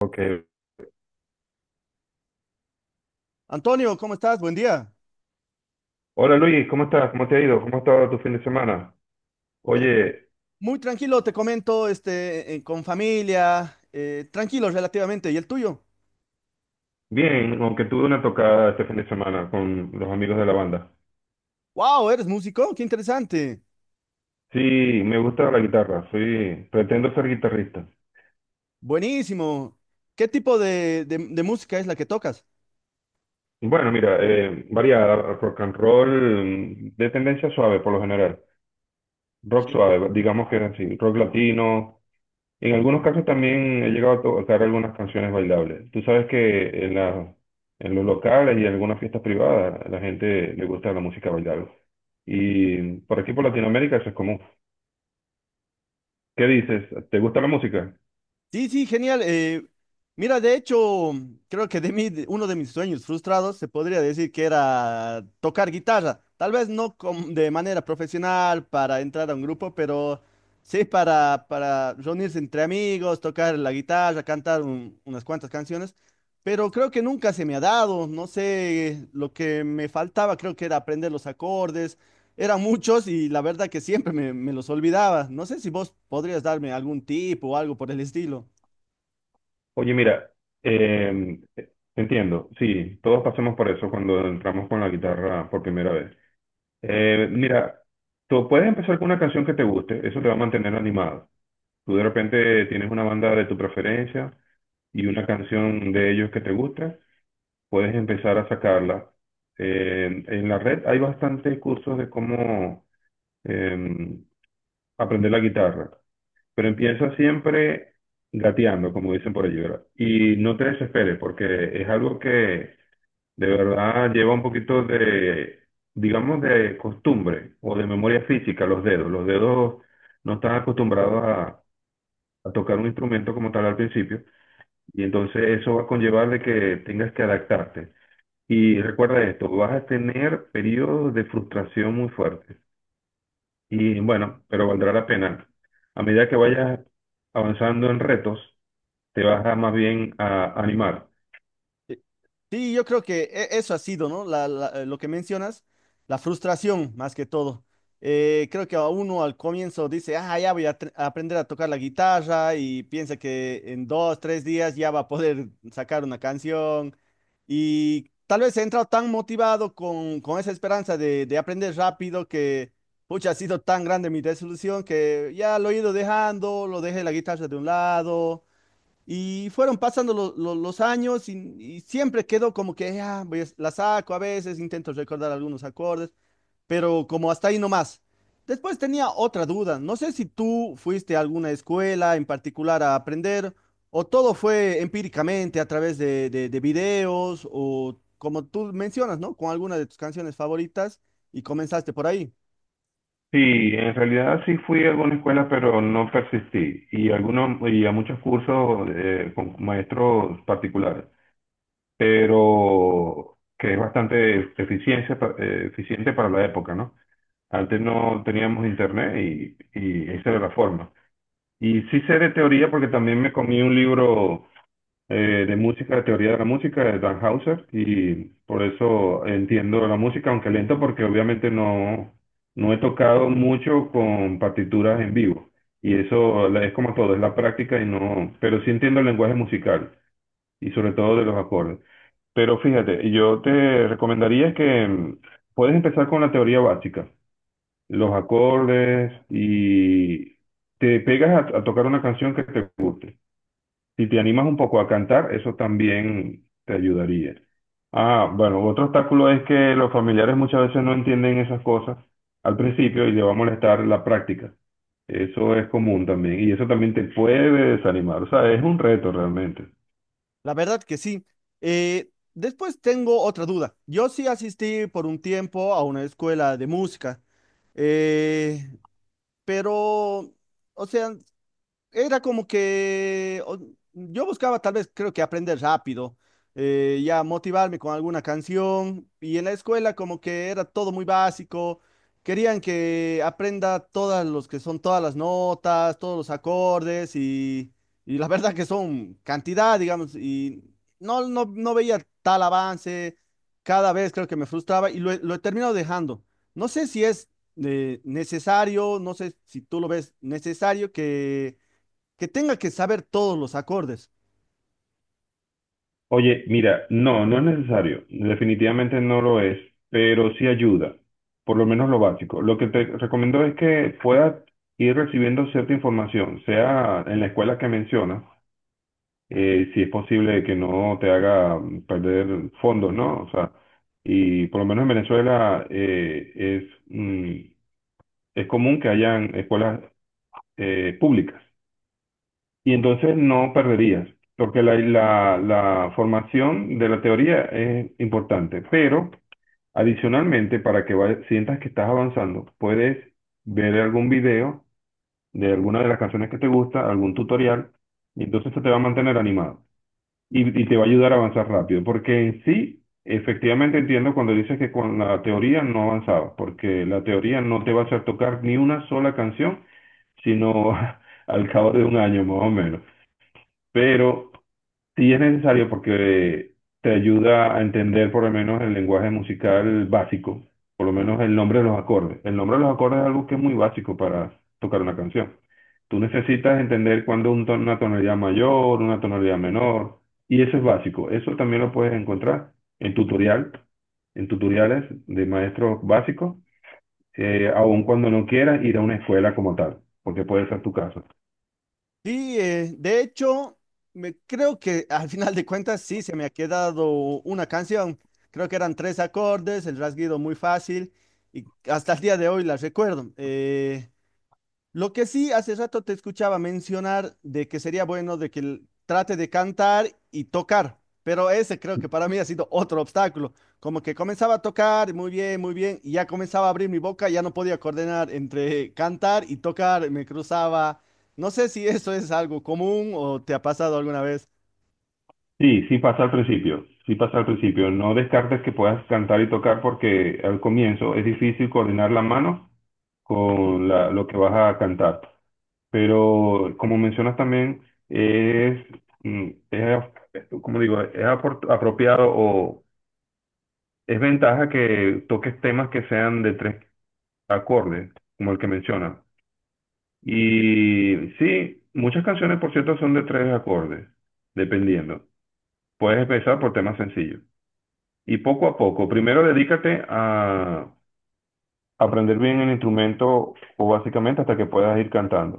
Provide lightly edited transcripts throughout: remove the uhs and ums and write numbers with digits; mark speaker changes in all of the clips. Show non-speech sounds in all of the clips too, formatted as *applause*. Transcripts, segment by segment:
Speaker 1: Ok.
Speaker 2: Antonio, ¿cómo estás? Buen día.
Speaker 1: Hola Luis, ¿cómo estás? ¿Cómo te ha ido? ¿Cómo ha estado tu fin de semana?
Speaker 2: Eh,
Speaker 1: Oye,
Speaker 2: muy tranquilo, te comento, con familia, tranquilo relativamente. ¿Y el tuyo?
Speaker 1: bien, aunque tuve una tocada este fin de semana con los amigos de la banda.
Speaker 2: ¡Wow! ¿Eres músico? ¡Qué interesante!
Speaker 1: Sí, me gusta la guitarra, soy, pretendo ser guitarrista.
Speaker 2: Buenísimo. ¿Qué tipo de música es la que tocas?
Speaker 1: Bueno, mira, variada, rock and roll, mm, de tendencia suave por lo general, rock suave, digamos que era así, rock latino. En algunos casos también he llegado a tocar algunas canciones bailables. Tú sabes que en la- En los locales y en algunas fiestas privadas a la gente le gusta la música bailable. Y por aquí por Latinoamérica eso es común. ¿Qué dices? ¿Te gusta la música?
Speaker 2: Sí, sí, genial. Mira, de hecho, creo que uno de mis sueños frustrados se podría decir que era tocar guitarra. Tal vez no de manera profesional para entrar a un grupo, pero sí para reunirse entre amigos, tocar la guitarra, cantar unas cuantas canciones. Pero creo que nunca se me ha dado. No sé, lo que me faltaba creo que era aprender los acordes. Eran muchos y la verdad que siempre me los olvidaba. No sé si vos podrías darme algún tip o algo por el estilo.
Speaker 1: Oye, mira, eh, entiendo, sí, todos pasamos por eso cuando entramos con la guitarra por primera vez. Mira, tú puedes empezar con una canción que te guste, eso te va a mantener animado. Tú de repente tienes una banda de tu preferencia y una canción de ellos que te gusta, puedes empezar a sacarla. En la red hay bastantes cursos de cómo eh, aprender la guitarra, pero empieza siempre gateando, como dicen por allí, ¿verdad? Y no te desesperes, porque es algo que de verdad lleva un poquito de, digamos, de costumbre o de memoria física, los dedos. Los dedos no están acostumbrados a tocar un instrumento como tal al principio, y entonces eso va a conllevar de que tengas que adaptarte. Y recuerda esto, vas a tener periodos de frustración muy fuertes. Y bueno, pero valdrá la pena. A medida que vayas avanzando en retos, te vas a más bien a animar.
Speaker 2: Eh, Sí, yo creo que eso ha sido, ¿no? Lo que mencionas, la frustración más que todo. Creo que a uno al comienzo dice, ah, ya voy a aprender a tocar la guitarra y piensa que en 2, 3 días ya va a poder sacar una canción. Y tal vez he entrado tan motivado con esa esperanza de aprender rápido que, pucha, ha sido tan grande mi desilusión que ya lo he ido dejando, lo dejé la guitarra de un lado. Y fueron pasando los años y siempre quedó como que ah, la saco a veces, intento recordar algunos acordes, pero como hasta ahí nomás. Después tenía otra duda, no sé si tú fuiste a alguna escuela en particular a aprender o todo fue empíricamente a través de videos o como tú mencionas, ¿no? Con alguna de tus canciones favoritas y comenzaste por ahí.
Speaker 1: Sí, en realidad sí fui a alguna escuela, pero no persistí. Y, algunos, y a muchos cursos con maestros particulares, pero que es bastante eficiencia, eficiente para la época, ¿no? Antes no teníamos internet y esa era la forma. Y sí sé de teoría porque también me comí un libro de música, de teoría de la música de Dan Hauser, y por eso entiendo la música, aunque lento, porque obviamente no, no he tocado mucho con partituras en vivo. Es como todo, es la práctica y no, pero sí entiendo el lenguaje musical y sobre todo de los acordes. Pero fíjate, yo te recomendaría que mm, puedes empezar con la teoría básica, los acordes, y te pegas a tocar una canción que te guste. Si te animas un poco a cantar, eso también te ayudaría. Ah, bueno, otro obstáculo es que los familiares muchas veces no entienden esas cosas al principio y les va a molestar la práctica. Eso es común también y eso también te puede desanimar. O sea, es un reto realmente.
Speaker 2: La verdad que sí. Después tengo otra duda. Yo sí asistí por un tiempo a una escuela de música, eh, pero, o sea, era como que yo buscaba tal vez, creo que aprender rápido, ya motivarme con alguna canción y en la escuela como que era todo muy básico, querían que aprenda todas los que son todas las notas, todos los acordes y la *laughs* verdad que son cantidad, digamos, y no veía tal avance, cada vez creo que me frustraba y lo he terminado dejando. No sé si es necesario, no sé si tú lo ves necesario que tenga que saber todos los acordes.
Speaker 1: Oye, mira, no, no es necesario, definitivamente no lo es, pero sí ayuda, por lo menos lo básico. Lo que te recomiendo es que puedas ir recibiendo cierta información, sea en la escuela que mencionas, si es posible que no te haga perder fondos, ¿no? O sea, y por lo menos en Venezuela es, mm, es común que hayan escuelas públicas. Y entonces no perderías, porque la formación de la teoría es importante, pero adicionalmente, para que sientas que estás avanzando, puedes ver algún video de alguna de las canciones que te gusta, algún tutorial, y entonces eso te va a mantener animado y te va a ayudar a avanzar rápido, porque en sí, efectivamente entiendo cuando dices que con la teoría no avanzabas, porque la teoría no te va a hacer tocar ni una sola canción, sino *laughs* al cabo de un año más o menos. Pero sí es necesario porque te ayuda a entender por lo menos el lenguaje musical básico, por lo menos el nombre de los acordes. El nombre de los acordes es algo que es muy básico para tocar una canción. Tú necesitas entender cuándo una tonalidad mayor, una tonalidad menor, y eso es básico. Eso también lo puedes encontrar en tutorial, en tutoriales de maestros básicos, aun cuando no quieras ir a una escuela como tal, porque puede ser tu caso.
Speaker 2: Sí, de hecho, creo que al final de cuentas sí se me ha quedado una canción. Creo que eran tres acordes, el rasguido muy fácil y hasta el día de hoy la recuerdo. Lo que sí, hace rato te escuchaba mencionar de que sería bueno de que él trate de cantar y tocar, pero ese creo que para mí ha sido otro obstáculo. Como que comenzaba a tocar muy bien, y ya comenzaba a abrir mi boca, ya no podía coordinar entre cantar y tocar, me cruzaba. No sé si eso es algo común o te ha pasado alguna vez.
Speaker 1: Sí, sí pasa al principio, sí pasa al principio. No descartes que puedas cantar y tocar porque al comienzo es difícil coordinar la mano con lo que vas a cantar. Pero como mencionas también, es, mm, es como digo, es apropiado o es ventaja que toques temas que sean de tres acordes, como el que mencionas. Y sí, muchas canciones, por cierto, son de tres acordes, dependiendo. Puedes empezar por temas sencillos. Y poco a poco, primero dedícate a aprender bien el instrumento o básicamente hasta que puedas ir cantando.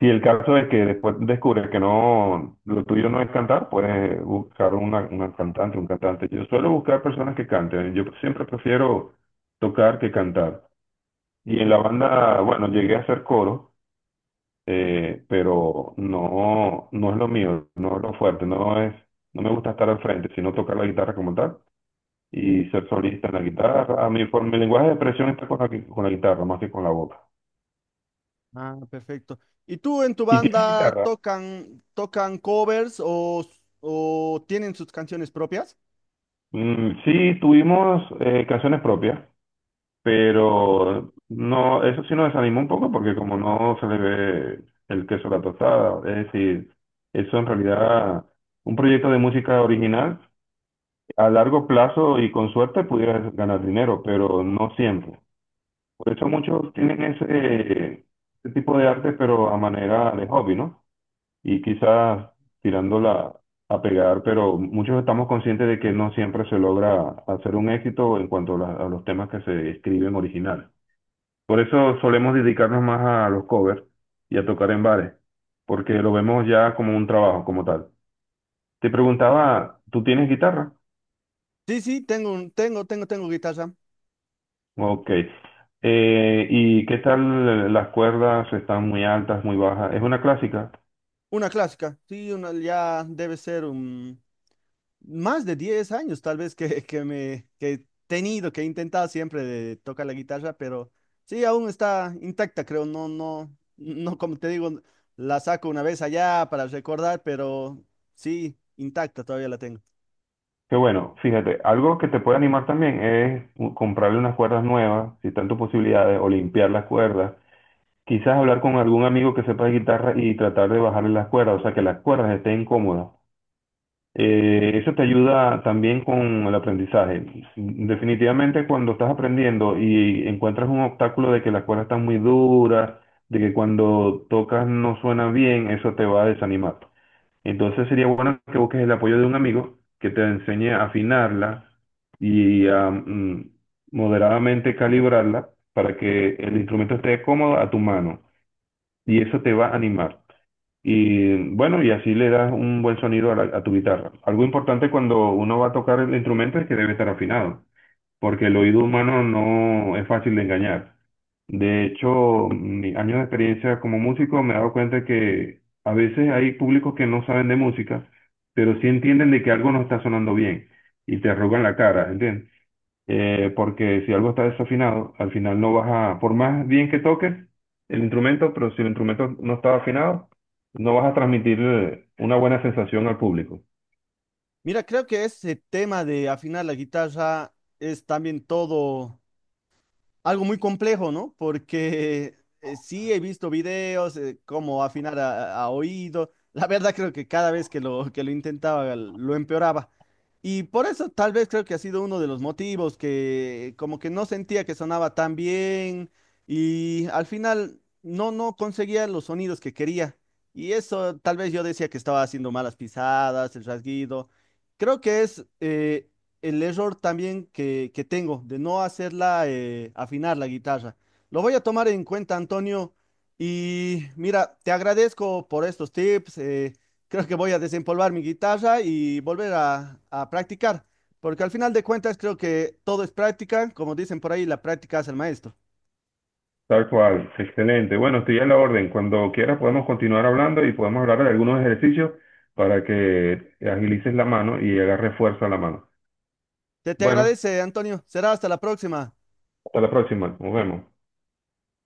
Speaker 1: Si el caso es que después descubres que no, lo tuyo no es cantar, puedes buscar una cantante, un cantante. Yo suelo buscar personas que canten. Yo siempre prefiero tocar que cantar. Y en la banda, bueno, llegué a hacer coro, pero no, no es lo mío, no es lo fuerte, no es, no me gusta estar al frente, sino tocar la guitarra como tal y ser solista en la guitarra. A mí, por mi lenguaje de expresión está con con la guitarra, más que con la boca.
Speaker 2: Ah, perfecto. ¿Y tú en tu
Speaker 1: ¿Y tienes
Speaker 2: banda
Speaker 1: guitarra?
Speaker 2: tocan covers o tienen sus canciones propias?
Speaker 1: Mm, sí, tuvimos canciones propias, pero no, eso sí nos desanimó un poco porque como no se le ve el queso a la tostada, es decir, eso en realidad, un proyecto de música original, a largo plazo y con suerte pudieras ganar dinero, pero no siempre. Por eso muchos tienen ese, ese tipo de arte, pero a manera de hobby, ¿no? Y quizás tirándola a pegar, pero muchos estamos conscientes de que no siempre se logra hacer un éxito en cuanto a, la- a los temas que se escriben originales. Por eso solemos dedicarnos más a los covers y a tocar en bares, porque lo vemos ya como un trabajo, como tal. Te preguntaba, ¿tú tienes guitarra?
Speaker 2: Sí, sí, tengo, un- tengo, tengo, tengo guitarra.
Speaker 1: Ok. ¿Y qué tal las cuerdas? ¿Están muy altas, muy bajas? ¿Es una clásica?
Speaker 2: Una clásica, sí, una, ya debe ser más de 10 años tal vez que me que he tenido, que he intentado siempre de tocar la guitarra, pero sí, aún está intacta, creo, no, no, no, como te digo, la saco una vez allá para recordar, pero sí, intacta todavía la tengo.
Speaker 1: Qué bueno, fíjate, algo que te puede animar también es comprarle unas cuerdas nuevas, si están tus posibilidades, o limpiar las cuerdas. Quizás hablar con algún amigo que sepa de guitarra y tratar de bajarle las cuerdas, o sea, que las cuerdas estén cómodas. Eso te ayuda también con el aprendizaje. Definitivamente cuando estás aprendiendo y encuentras un obstáculo de que las cuerdas están muy duras, de que cuando tocas no suena bien, eso te va a desanimar. Entonces sería bueno que busques el apoyo de un amigo que te enseñe a afinarla y a mm, moderadamente calibrarla para que el instrumento esté cómodo a tu mano y eso te va a animar. Y bueno, y así le das un buen sonido a, la- a tu guitarra. Algo importante cuando uno va a tocar el instrumento es que debe estar afinado porque el oído humano no es fácil de engañar. De hecho, mi años de experiencia como músico me he dado cuenta que a veces hay públicos que no saben de música, pero sí entienden de que algo no está sonando bien y te arrugan la cara, ¿entiendes? Porque si algo está desafinado, al final no vas a, por más bien que toques el instrumento, pero si el instrumento no está afinado, no vas a transmitir una buena sensación al público.
Speaker 2: Mira, creo que ese tema de afinar la guitarra es también todo algo muy complejo, ¿no? Porque sí he visto videos, cómo afinar a oído. La verdad creo que cada vez que lo intentaba lo empeoraba. Y por eso tal vez creo que ha sido uno de los motivos que como que no sentía que sonaba tan bien y al final no, no conseguía los sonidos que quería. Y eso tal vez yo decía que estaba haciendo malas pisadas, el rasguido. Creo que es el error también que tengo de no hacerla afinar la guitarra. Lo voy a tomar en cuenta, Antonio. Y mira, te agradezco por estos tips. Creo que voy a desempolvar mi guitarra y volver a practicar, porque al final de cuentas creo que todo es práctica. Como dicen por ahí, la práctica hace el maestro.
Speaker 1: Tal cual, excelente. Bueno, estoy a la orden. Cuando quieras podemos continuar hablando y podemos hablar de algunos ejercicios para que agilices la mano y agarres fuerza a la mano.
Speaker 2: Te
Speaker 1: Bueno,
Speaker 2: agradece, Antonio. Será hasta la próxima.
Speaker 1: hasta la próxima. Nos vemos.